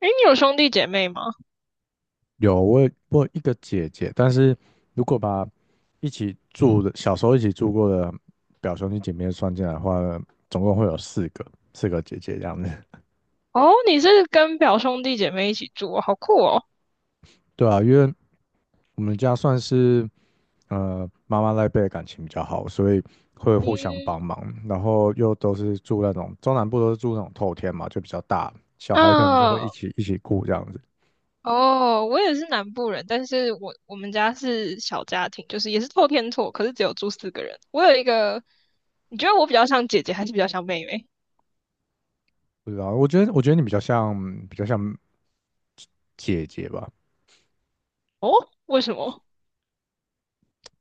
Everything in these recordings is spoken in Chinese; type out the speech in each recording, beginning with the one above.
诶，你有兄弟姐妹吗？有，我有一个姐姐，但是如果把一起住的小时候一起住过的表兄弟姐妹算进来的话，总共会有四个，四个姐姐这样子。哦，你是跟表兄弟姐妹一起住哦，好酷哦。对啊，因为我们家算是妈妈那一辈的感情比较好，所以会互相嗯，帮忙，然后又都是住那种中南部都是住那种透天嘛，就比较大，小孩可能就会一啊，起一起顾这样子。哦，我也是南部人，但是我们家是小家庭，就是也是透天厝，可是只有住四个人。我有一个，你觉得我比较像姐姐，还是比较像妹妹？不知道，我觉得你比较像比较像姐姐吧。哦，为什么？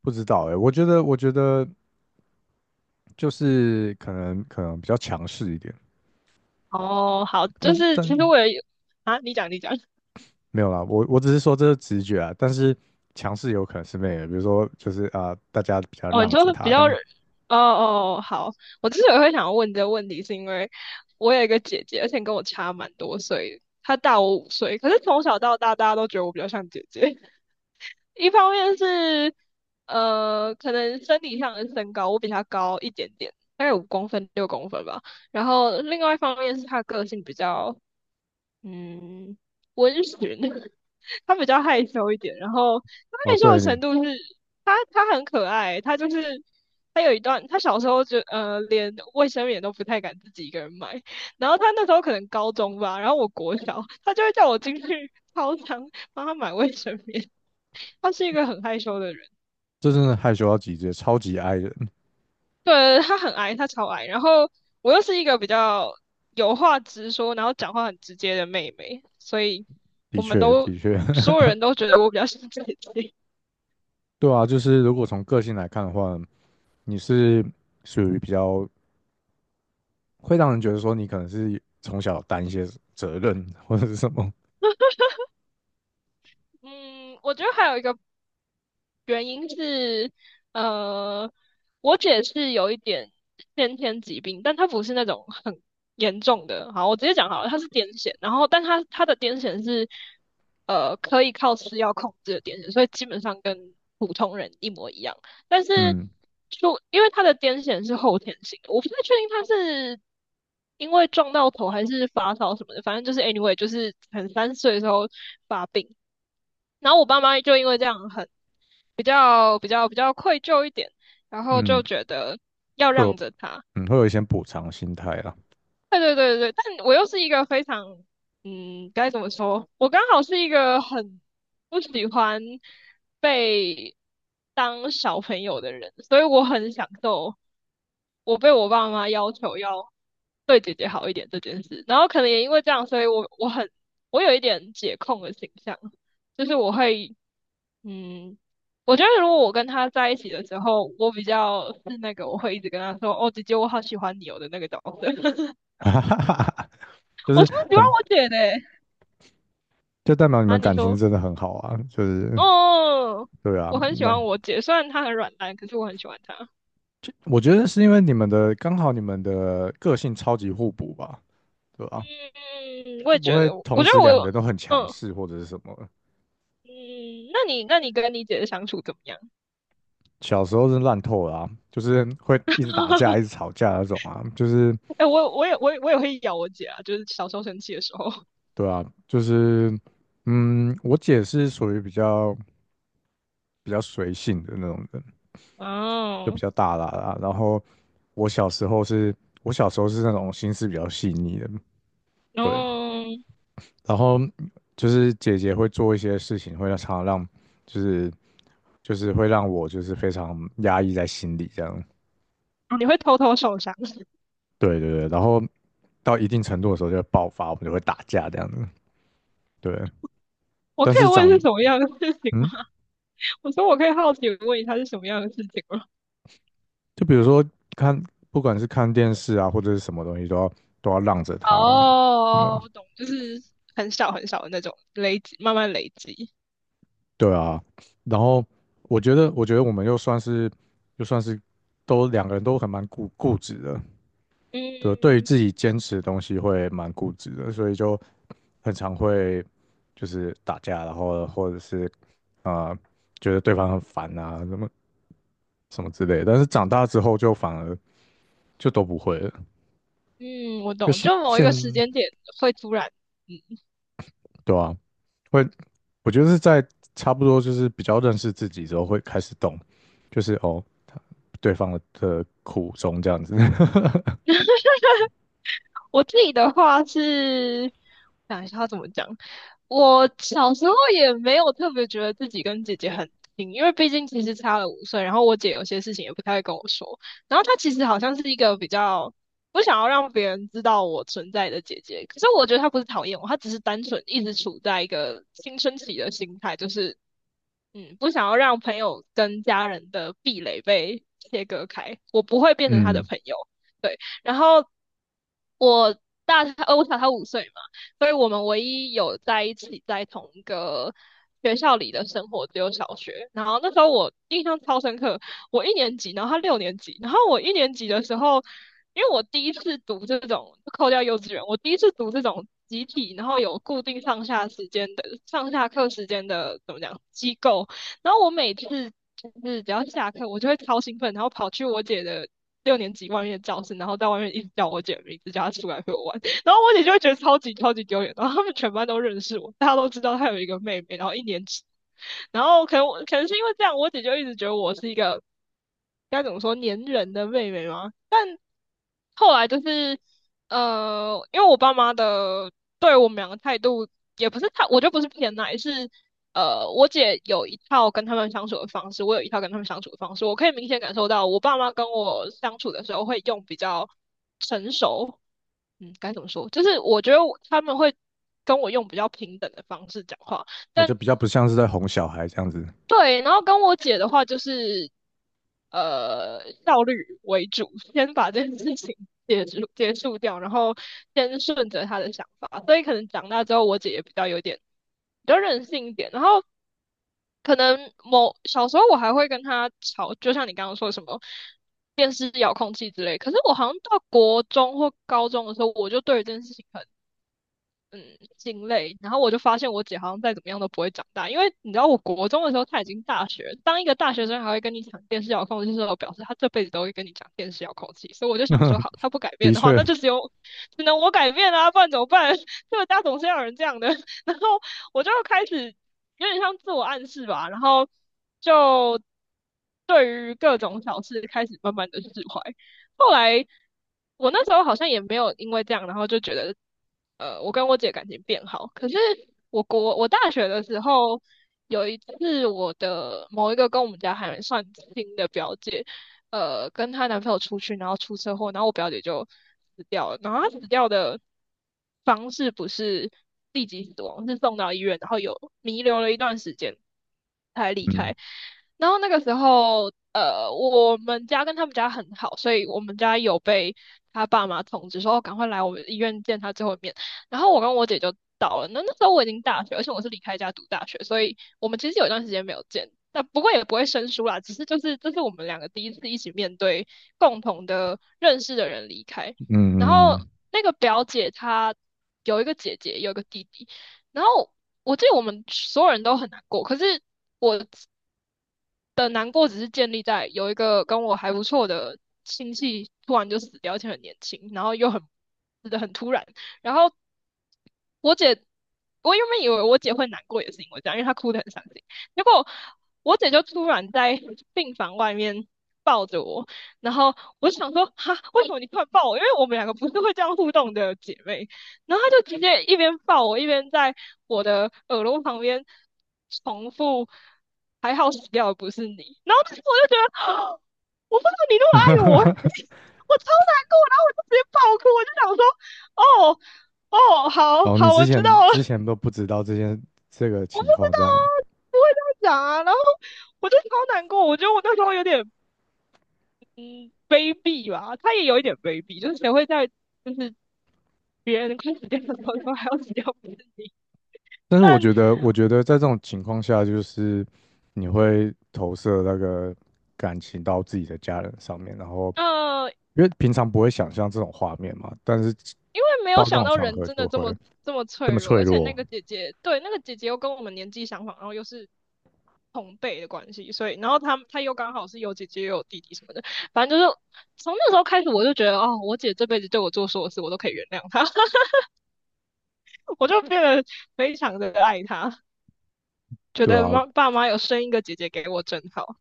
不知道哎、我觉得，我觉得就是可能比较强势一点，哦，好，但就是是其实我也有啊，你讲，你讲。没有啦，我只是说这是直觉啊，但是强势有可能是妹的，比如说就是啊、大家比较哦，你让就着是比他这较，哦样。哦，哦好，我之所以会想要问这个问题，是因为我有一个姐姐，而且跟我差蛮多岁，她大我五岁，可是从小到大，大家都觉得我比较像姐姐。一方面是，可能生理上的身高，我比她高一点点，大概5公分、6公分吧。然后另外一方面是她个性比较，嗯，温驯，他比较害羞一点，然后他哦，害羞的程对，度是，他很可爱，他就是他有一段，他小时候就连卫生棉都不太敢自己一个人买，然后他那时候可能高中吧，然后我国小，他就会叫我进去操场帮他买卫生棉，他是一个很害羞的人，这真的害羞到极致，超级 i 人，对，他很矮，他超矮，然后我又是一个比较有话直说，然后讲话很直接的妹妹，所以的我们确都的确。所有人都觉得我比较像姐姐。对啊，就是如果从个性来看的话，你是属于比较会让人觉得说你可能是从小担一些责任或者是什么，嗯，我觉得还有一个原因是，呃，我姐是有一点先天疾病，但她不是那种很严重的。好，我直接讲好了，她是癫痫，然后但她的癫痫是，可以靠吃药控制的癫痫，所以基本上跟普通人一模一样。但是嗯就因为她的癫痫是后天性的，我不太确定她是因为撞到头还是发烧什么的，反正就是 anyway,就是很30岁的时候发病。然后我爸妈就因为这样很比较愧疚一点，然后嗯，就觉得要会有让着他。会有一些补偿心态啦。对对对对，但我又是一个非常，嗯，该怎么说？我刚好是一个很不喜欢被当小朋友的人，所以我很享受我被我爸妈要求要对姐姐好一点这件事。然后可能也因为这样，所以我我有一点姐控的形象，就是我会嗯，我觉得如果我跟他在一起的时候，我比较是那个我会一直跟他说哦，姐姐我好喜欢你哦的那个角色，哈哈哈哈，就我是超喜欢很，我姐的欸就代表你啊，们你感情说真的很好啊，就是哦。对啊，我很喜那欢我姐，虽然她很软烂，可是我很喜欢她。我觉得是因为你们的刚好你们的个性超级互补吧，对吧、嗯，我就也不觉会得，同我觉时得我两有，个都很嗯强势或者是什么。嗯，那你跟你姐的相处怎么样？小时候是烂透了啊，就是会一直打架、一直吵架那种啊，就是哎、我也会咬我姐啊，就是小时候生气的时候。对啊，就是嗯，我姐是属于比较随性的那种人，就比哦，较大啦啦。然后我小时候是，我小时候是那种心思比较细腻的，然对。后然后就是姐姐会做一些事情，会让常常让就是会让我就是非常压抑在心里这样。哦你会偷偷受伤？对对对，然后到一定程度的时候就会爆发，我们就会打架这样子。对，我但可以是问是长什么样的事情吗？嗯，我说我可以好奇地问一下是什么样的事情吗？就比如说看，不管是看电视啊，或者是什么东西，都要让着他啊，什么哦，我懂，就是很小很小的那种累积，慢慢累积。对啊，然后我觉得我们又算是，又算是都两个人都很蛮固执的，对，对于嗯自己坚持的东西会蛮固执的，所以就很常会就是打架，然后或者是啊觉得对方很烦啊，什么什么之类的。但是长大之后就反而就都不会了，嗯，我就懂，现就某一个时现间点会突然嗯对啊，会，我觉得是在差不多就是比较认识自己之后会开始懂，就是哦，对方的苦衷这样子。我自己的话是，想一下他怎么讲。我小时候也没有特别觉得自己跟姐姐很亲，因为毕竟其实差了五岁，然后我姐有些事情也不太会跟我说，然后她其实好像是一个比较不想要让别人知道我存在的姐姐，可是我觉得她不是讨厌我，她只是单纯一直处在一个青春期的心态，就是嗯，不想要让朋友跟家人的壁垒被切割开，我不会变成他的嗯，朋友。对，然后我大他，我小他五岁嘛，所以我们唯一有在一起在同一个学校里的生活只有小学。然后那时候我印象超深刻，我一年级，然后他六年级，然后我一年级的时候，因为我第一次读这种，扣掉幼稚园，我第一次读这种集体，然后有固定上下课时间的怎么讲机构，然后我每次。就是只要下课，我就会超兴奋，然后跑去我姐的六年级外面的教室，然后在外面一直叫我姐的名字，叫她出来陪我玩。然后我姐就会觉得超级超级丢脸，然后他们全班都认识我，大家都知道她有一个妹妹，然后一年级，然后可能是因为这样，我姐就一直觉得我是一个该怎么说粘人的妹妹吗？后来就是，因为我爸妈的对我们两个态度也不是太，我就不是偏爱，是我姐有一套跟他们相处的方式，我有一套跟他们相处的方式，我可以明显感受到，我爸妈跟我相处的时候会用比较成熟，嗯，该怎么说？就是我觉得我他们会跟我用比较平等的方式讲话，我觉但得比较不像是在哄小孩这样子。对，然后跟我姐的话就是效率为主，先把这件事情结束掉，然后先顺着她的想法，所以可能长大之后我姐也比较有点比较任性一点，然后可能某小时候我还会跟她吵，就像你刚刚说什么。电视遥控器之类，可是我好像到国中或高中的时候，我就对于这件事情很嗯心累。然后我就发现我姐好像再怎么样都不会长大，因为你知道，我国中的时候她已经大学了当一个大学生还会跟你讲电视遥控器的时候，表示她这辈子都会跟你讲电视遥控器。所以我就想说，好，她不改 变的的话，确，那就只能我改变啊，不然怎么办？这个家总是要有人这样的。然后我就开始有点像自我暗示吧，然后就对于各种小事开始慢慢的释怀。后来我那时候好像也没有因为这样，然后就觉得，我跟我姐感情变好。可是我大学的时候，有一次我的某一个跟我们家还算亲的表姐，跟她男朋友出去，然后出车祸，然后我表姐就死掉了。然后她死掉的方式不是立即死亡，是送到医院，然后有弥留了一段时间才离嗯开。然后那个时候，我们家跟他们家很好，所以我们家有被他爸妈通知说，哦赶快来我们医院见他最后一面。然后我跟我姐就到了。那那时候我已经大学，而且我是离开家读大学，所以我们其实有一段时间没有见，但不过也不会生疏啦，只是就是这是我们两个第一次一起面对共同的认识的人离开。然嗯后嗯。那个表姐她有一个姐姐，有一个弟弟，然后我记得我们所有人都很难过，可是我的难过只是建立在有一个跟我还不错的亲戚突然就死掉，而且很年轻，然后又很死的很突然。然后我姐，我原本以为我姐会难过，也是因为这样，因为她哭得很伤心。结果我姐就突然在病房外面抱着我，然后我就想说，哈，为什么你突然抱我？因为我们两个不是会这样互动的姐妹。然后他就直接一边抱我，一边在我的耳朵旁边重复"还好死掉的不是你"，然后当时我就觉得，我不知道你那么爱我，我超难过，然后我就直接爆哭，我就想说，哦哦，好哦，你好，之我知道前之了，前都不知道这件我不情知况道这样。啊，不会这样讲啊，然后我就超难过，我觉得我那时候有点嗯卑鄙吧，他也有一点卑鄙，就是谁会在就是别人快死掉的时候说还要死掉不是你，但是我但。觉得，我觉得在这种情况下，就是你会投射那个感情到自己的家人上面，然后呃，因为平常不会想象这种画面嘛，但是因为没有到那想种到场人合真就的这么会这么这脆么弱，脆而且那弱，个姐姐，对，那个姐姐又跟我们年纪相仿，然后又是同辈的关系，所以，然后她又刚好是有姐姐又有弟弟什么的，反正就是从那时候开始，我就觉得哦，我姐这辈子对我做所有事，我都可以原谅她，我就变得非常的爱她，觉对得啊，爸妈有生一个姐姐给我真好，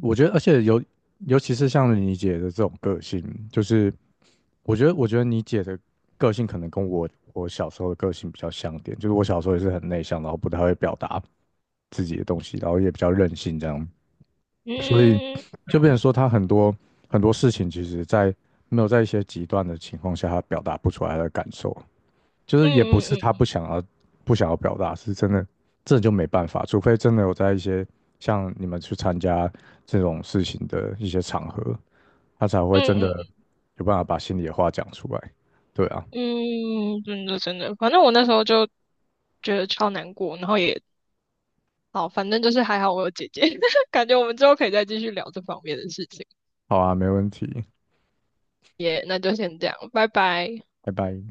我觉得，而且尤其是像你姐的这种个性，就是我觉得你姐的个性可能跟我小时候的个性比较像点，就是我小时候也是很内向，然后不太会表达自己的东西，然后也比较任性这样。所以嗯就变成说，他很多事情，其实在没有在一些极端的情况下，他表达不出来的感受，就是也不嗯是他嗯不想要表达，是真的这就没办法，除非真的有在一些像你们去参加这种事情的一些场合，他才会真嗯的嗯有办法把心里的话讲出来。对啊，嗯嗯，真的真的，反正我那时候就觉得超难过，然后也好，反正就是还好我有姐姐，感觉我们之后可以再继续聊这方面的事情。好啊，没问题，耶。那就先这样，拜拜。拜拜。